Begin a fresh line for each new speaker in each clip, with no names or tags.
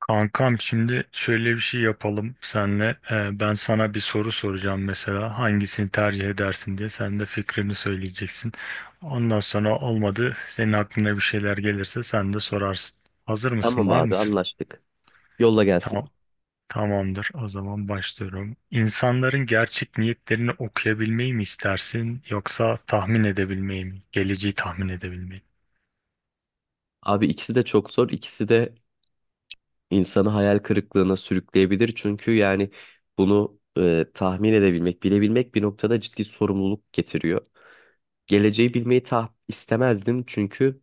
Kankam, şimdi şöyle bir şey yapalım senle. Ben sana bir soru soracağım, mesela hangisini tercih edersin diye sen de fikrini söyleyeceksin. Ondan sonra olmadı, senin aklına bir şeyler gelirse sen de sorarsın. Hazır mısın?
Tamam
Var
abi,
mısın?
anlaştık. Yolla gelsin.
Tamam. Tamamdır. O zaman başlıyorum. İnsanların gerçek niyetlerini okuyabilmeyi mi istersin, yoksa tahmin edebilmeyi mi? Geleceği tahmin edebilmeyi.
Abi, ikisi de çok zor. İkisi de insanı hayal kırıklığına sürükleyebilir. Çünkü yani bunu tahmin edebilmek, bilebilmek bir noktada ciddi sorumluluk getiriyor. Geleceği bilmeyi istemezdim, çünkü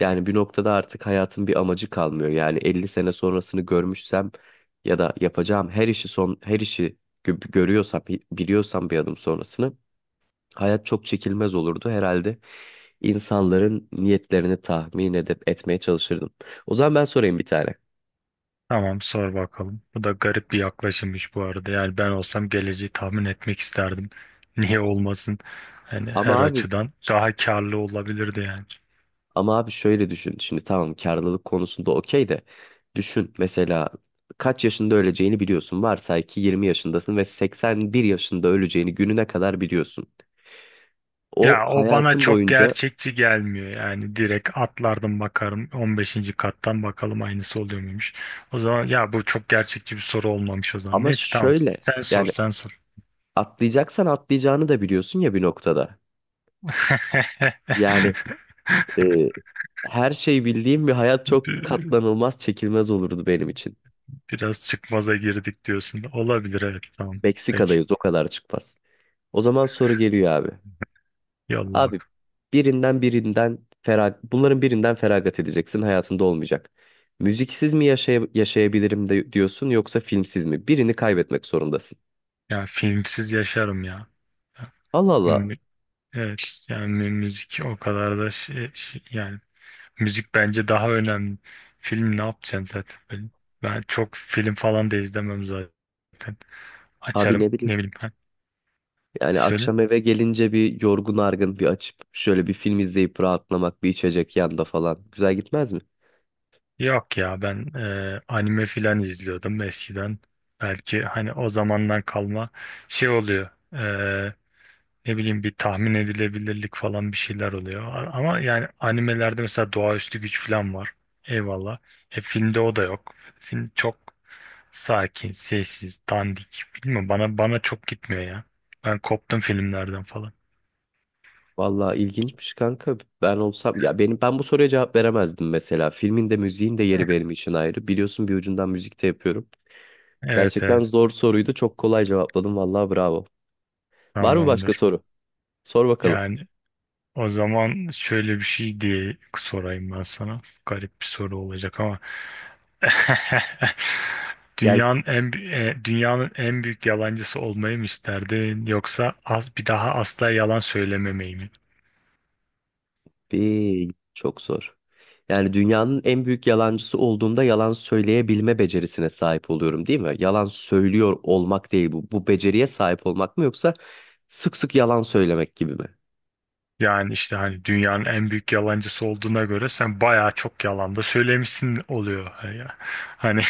yani bir noktada artık hayatın bir amacı kalmıyor. Yani 50 sene sonrasını görmüşsem ya da yapacağım her işi son her işi görüyorsam, biliyorsam bir adım sonrasını, hayat çok çekilmez olurdu herhalde. İnsanların niyetlerini tahmin etmeye çalışırdım. O zaman ben sorayım bir tane.
Tamam, sor bakalım. Bu da garip bir yaklaşımmış bu arada. Yani ben olsam geleceği tahmin etmek isterdim. Niye olmasın? Hani her
Ama abi
açıdan daha karlı olabilirdi yani.
Ama abi, şöyle düşün. Şimdi tamam, karlılık konusunda okey de, düşün mesela, kaç yaşında öleceğini biliyorsun. Varsay ki 20 yaşındasın ve 81 yaşında öleceğini gününe kadar biliyorsun. O
Ya, o bana
hayatın
çok
boyunca
gerçekçi gelmiyor. Yani direkt atlardım, bakarım 15. kattan, bakalım aynısı oluyor muymuş. O zaman ya, bu çok gerçekçi bir soru olmamış o zaman.
ama
Neyse, tamam,
şöyle
sen sor,
yani,
sen sor.
atlayacaksan atlayacağını da biliyorsun ya bir noktada. Yani e, her şeyi bildiğim bir hayat çok katlanılmaz, çekilmez olurdu benim için.
Biraz çıkmaza girdik diyorsun. Olabilir, evet, tamam. Peki,
Meksika'dayız, o kadar çıkmaz. O zaman soru geliyor abi.
yolla
Abi,
bakalım.
birinden birinden ferag bunların birinden feragat edeceksin, hayatında olmayacak. Müziksiz mi yaşay Yaşayabilirim de diyorsun yoksa filmsiz mi? Birini kaybetmek zorundasın.
Ya filmsiz yaşarım ya. Ya,
Allah Allah.
mü- evet, yani müzik o kadar da yani, müzik bence daha önemli. Film ne yapacaksın zaten? Ben çok film falan da izlemem zaten.
Abi,
Açarım,
ne
ne
bileyim.
bileyim ben.
Yani
Söyle.
akşam eve gelince bir yorgun argın bir açıp şöyle bir film izleyip rahatlamak, bir içecek yanda falan. Güzel gitmez mi?
Yok ya, ben anime filan izliyordum eskiden. Belki hani o zamandan kalma şey oluyor. Ne bileyim, bir tahmin edilebilirlik falan bir şeyler oluyor. Ama yani animelerde mesela doğaüstü güç falan var. Eyvallah. E, filmde o da yok. Film çok sakin, sessiz, dandik. Bilmiyorum, bana çok gitmiyor ya. Ben koptum filmlerden falan.
Vallahi ilginçmiş kanka. Ben olsam ya benim ben bu soruya cevap veremezdim mesela. Filmin de müziğin de
Heh.
yeri benim için ayrı. Biliyorsun, bir ucundan müzik de yapıyorum.
Evet,
Gerçekten
evet,
zor soruydu. Çok kolay cevapladım. Vallahi bravo. Var mı başka
tamamdır.
soru? Sor bakalım.
Yani o zaman şöyle bir şey diye sorayım ben sana. Garip bir soru olacak ama
Gelsin.
Dünyanın en dünyanın en büyük yalancısı olmayı mı isterdin, yoksa az bir daha asla yalan söylememeyi mi?
Bir, çok zor. Yani dünyanın en büyük yalancısı olduğumda yalan söyleyebilme becerisine sahip oluyorum, değil mi? Yalan söylüyor olmak değil bu. Bu beceriye sahip olmak mı, yoksa sık sık yalan söylemek gibi mi?
Yani işte, hani dünyanın en büyük yalancısı olduğuna göre sen bayağı çok yalan da söylemişsin oluyor ya. Hani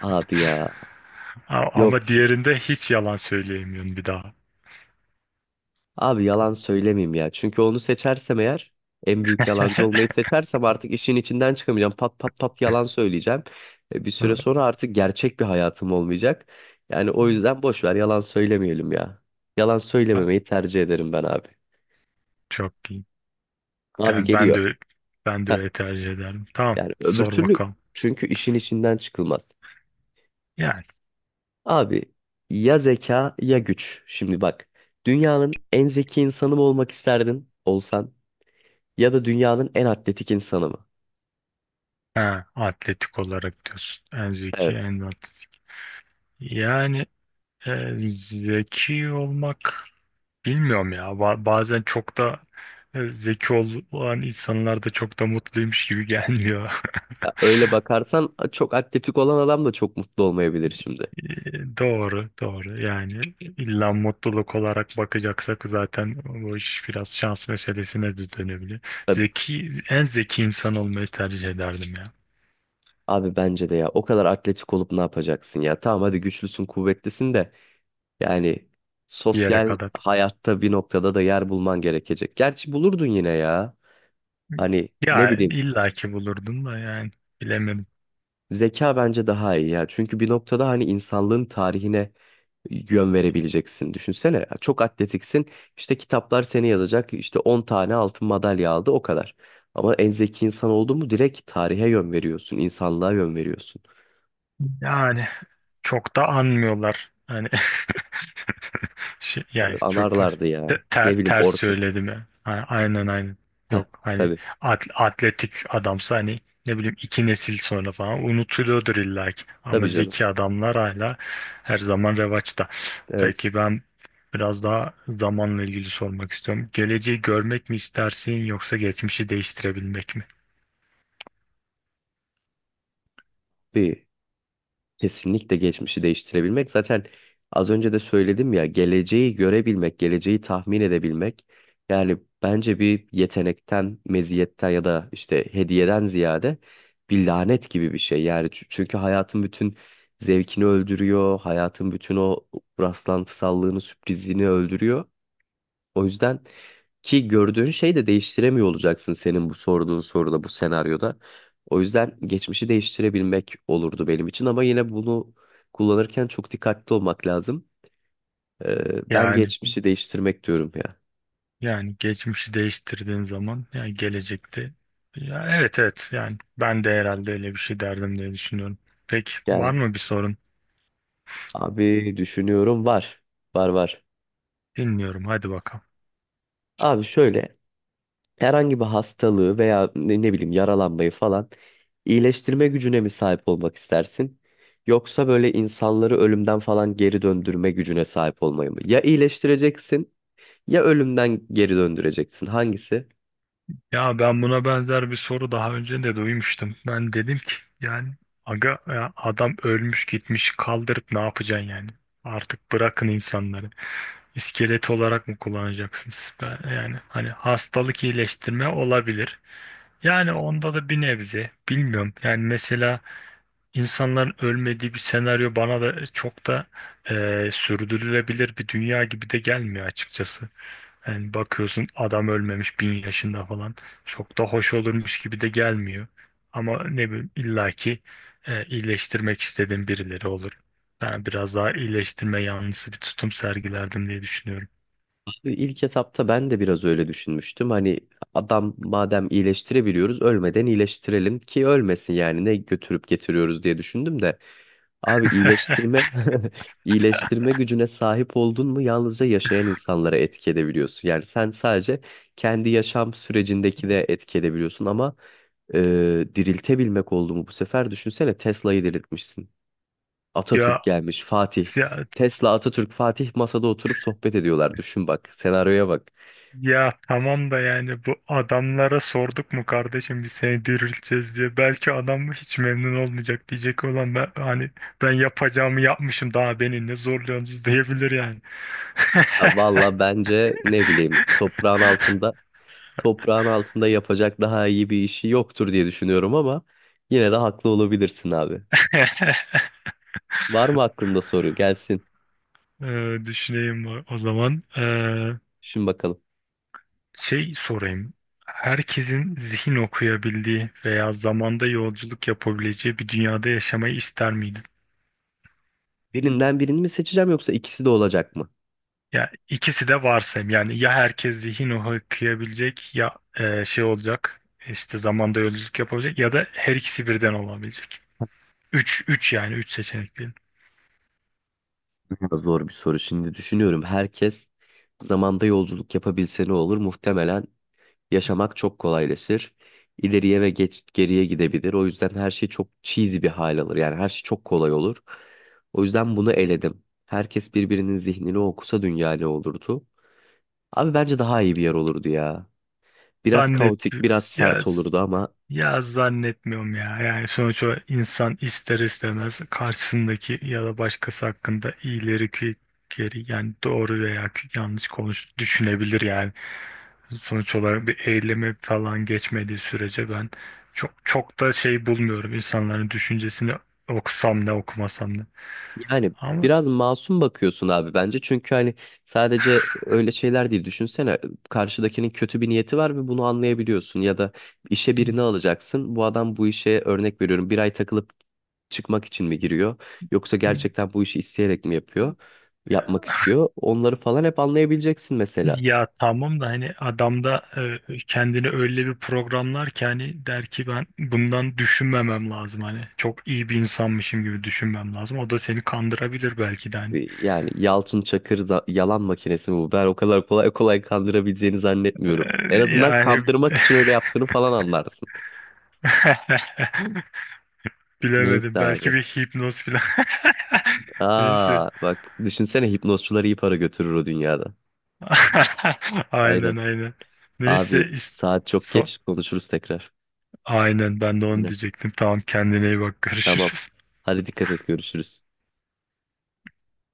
Abi ya.
A-
Yok
ama diğerinde hiç yalan söyleyemiyorsun bir daha.
abi, yalan söylemeyeyim ya. Çünkü onu seçersem eğer, en büyük yalancı olmayı seçersem, artık işin içinden çıkamayacağım. Pat pat pat yalan söyleyeceğim. Bir süre sonra artık gerçek bir hayatım olmayacak. Yani o yüzden boş ver, yalan söylemeyelim ya. Yalan
Ha,
söylememeyi tercih ederim ben abi.
çok iyi.
Abi
Yani ben
geliyor.
de ben de
Heh,
öyle tercih ederim. Tamam,
yani öbür
sor
türlü,
bakalım.
çünkü işin içinden çıkılmaz.
Yani,
Abi, ya zeka ya güç. Şimdi bak, dünyanın en zeki insanı mı olmak isterdin olsan, ya da dünyanın en atletik insanı mı?
ha, atletik olarak diyorsun. En zeki,
Evet.
en atletik. Yani zeki olmak, bilmiyorum ya. Bazen çok da zeki olan insanlar da çok da mutluymuş gibi gelmiyor.
Ya öyle bakarsan çok atletik olan adam da çok mutlu olmayabilir şimdi.
Doğru, doğru. Yani illa mutluluk olarak bakacaksak zaten bu iş biraz şans meselesine de dönebilir.
Tabii.
Zeki, en zeki insan olmayı tercih ederdim ya.
Abi bence de, ya o kadar atletik olup ne yapacaksın ya? Tamam, hadi güçlüsün, kuvvetlisin de, yani
Bir yere
sosyal
kadar.
hayatta bir noktada da yer bulman gerekecek. Gerçi bulurdun yine ya. Hani ne
Ya
bileyim,
illaki bulurdum da yani, bilemedim.
zeka bence daha iyi ya. Çünkü bir noktada hani insanlığın tarihine yön verebileceksin. Düşünsene, çok atletiksin. İşte kitaplar seni yazacak. İşte 10 tane altın madalya aldı, o kadar. Ama en zeki insan oldun mu direkt tarihe yön veriyorsun. İnsanlığa yön veriyorsun.
Yani çok da anmıyorlar. Hani şey,
Abi,
yani çok
anarlardı ya.
te- ter,
Ne bileyim
ters
orta.
söyledim ya. Aynen aynen.
Heh,
Yok, hani
tabii.
atletik adamsa, hani ne bileyim, iki nesil sonra falan unutuluyordur illa ki. Ama
Tabii canım.
zeki adamlar hala her zaman revaçta.
Evet.
Peki ben biraz daha zamanla ilgili sormak istiyorum. Geleceği görmek mi istersin, yoksa geçmişi değiştirebilmek mi?
Bir, kesinlikle geçmişi değiştirebilmek. Zaten az önce de söyledim ya, geleceği görebilmek, geleceği tahmin edebilmek. Yani bence bir yetenekten, meziyetten ya da işte hediyeden ziyade bir lanet gibi bir şey. Yani çünkü hayatın bütün zevkini öldürüyor, hayatın bütün o rastlantısallığını, sürprizliğini öldürüyor. O yüzden ki gördüğün şeyi de değiştiremiyor olacaksın senin bu sorduğun soruda, bu senaryoda. O yüzden geçmişi değiştirebilmek olurdu benim için, ama yine bunu kullanırken çok dikkatli olmak lazım. Ben
Yani
geçmişi değiştirmek diyorum ya.
Yani geçmişi değiştirdiğin zaman, yani gelecekte, ya, evet, evet, yani ben de herhalde öyle bir şey derdim diye düşünüyorum. Peki, var
Yani
mı bir sorun?
abi, düşünüyorum, var. Var.
Dinliyorum, hadi bakalım.
Abi şöyle, herhangi bir hastalığı veya ne bileyim yaralanmayı falan iyileştirme gücüne mi sahip olmak istersin? Yoksa böyle insanları ölümden falan geri döndürme gücüne sahip olmayı mı? Ya iyileştireceksin, ya ölümden geri döndüreceksin. Hangisi?
Ya, ben buna benzer bir soru daha önce de duymuştum. Ben dedim ki yani, aga ya, adam ölmüş gitmiş, kaldırıp ne yapacaksın yani? Artık bırakın insanları. İskelet olarak mı kullanacaksınız? Yani hani hastalık iyileştirme olabilir. Yani onda da bir nebze bilmiyorum. Yani mesela İnsanların ölmediği bir senaryo bana da çok da sürdürülebilir bir dünya gibi de gelmiyor açıkçası. Yani bakıyorsun adam ölmemiş, 1000 yaşında falan, çok da hoş olurmuş gibi de gelmiyor. Ama ne bileyim, illaki iyileştirmek istediğim birileri olur. Ben biraz daha iyileştirme yanlısı bir tutum sergilerdim diye düşünüyorum.
Abi, İlk etapta ben de biraz öyle düşünmüştüm. Hani adam madem iyileştirebiliyoruz, ölmeden iyileştirelim ki ölmesin, yani ne götürüp getiriyoruz diye düşündüm de. Abi iyileştirme iyileştirme gücüne sahip oldun mu, yalnızca yaşayan insanlara etki edebiliyorsun. Yani sen sadece kendi yaşam sürecindeki de etki edebiliyorsun ama e, diriltebilmek oldu mu bu sefer, düşünsene, Tesla'yı diriltmişsin. Atatürk
Ya,
gelmiş, Fatih.
ya,
Tesla, Atatürk, Fatih masada oturup sohbet ediyorlar. Düşün bak, senaryoya bak.
ya tamam da, yani bu adamlara sorduk mu kardeşim biz seni dirilteceğiz diye. Belki adam hiç memnun olmayacak, diyecek olan ben, hani, ben yapacağımı yapmışım, daha beni ne zorluyorsunuz, diyebilir yani.
Ha, valla bence ne bileyim, toprağın altında yapacak daha iyi bir işi yoktur diye düşünüyorum ama yine de haklı olabilirsin abi. Var mı aklında soru? Gelsin.
Düşüneyim o zaman.
Şimdi bakalım.
Şey sorayım. Herkesin zihin okuyabildiği veya zamanda yolculuk yapabileceği bir dünyada yaşamayı ister miydin?
Birinden birini mi seçeceğim, yoksa ikisi de olacak mı?
Ya, ikisi de varsayım. Yani ya herkes zihin okuyabilecek, ya şey olacak. İşte zamanda yolculuk yapabilecek ya da her ikisi birden olabilecek. Üç yani, üç seçenekli.
Biraz zor bir soru. Şimdi düşünüyorum. Herkes zamanda yolculuk yapabilse ne olur? Muhtemelen yaşamak çok kolaylaşır. İleriye ve geriye gidebilir. O yüzden her şey çok cheesy bir hal alır. Yani her şey çok kolay olur. O yüzden bunu eledim. Herkes birbirinin zihnini okusa dünya ne olurdu? Abi bence daha iyi bir yer olurdu ya. Biraz
Zannet.
kaotik, biraz
Ya
sert olurdu ama
Ya zannetmiyorum ya. Yani sonuçta insan ister istemez karşısındaki ya da başkası hakkında iyileri ki, geri yani doğru veya ki yanlış konuş düşünebilir yani. Sonuç olarak bir eyleme falan geçmediği sürece ben çok çok da şey bulmuyorum, insanların düşüncesini okusam ne, okumasam ne.
yani
Ama,
biraz masum bakıyorsun abi bence. Çünkü hani sadece öyle şeyler değil. Düşünsene, karşıdakinin kötü bir niyeti var ve bunu anlayabiliyorsun. Ya da işe birini alacaksın. Bu adam bu işe, örnek veriyorum, bir ay takılıp çıkmak için mi giriyor? Yoksa gerçekten bu işi isteyerek mi yapıyor? Yapmak istiyor. Onları falan hep anlayabileceksin mesela.
ya tamam da, hani adam da kendini öyle bir programlar ki hani der ki ben bundan düşünmemem lazım, hani çok iyi bir insanmışım gibi düşünmem lazım. O da seni kandırabilir belki de, hani.
Ee, Yani Yalçın Çakır yalan makinesi mi bu? Ben o kadar kolay kandırabileceğini zannetmiyorum. En
E,
azından
yani
kandırmak için öyle yaptığını falan anlarsın.
bilemedim,
Neyse
belki
abi.
bir hipnoz falan. Neyse.
Aa bak düşünsene, hipnozcuları iyi para götürür o dünyada. Aynen.
Aynen, aynen.
Abi
Neyse,
saat çok
so-
geç, konuşuruz tekrar.
aynen, ben de onu
Aynen.
diyecektim. Tamam, kendine iyi bak
Tamam.
görüşürüz.
Hadi dikkat et, görüşürüz.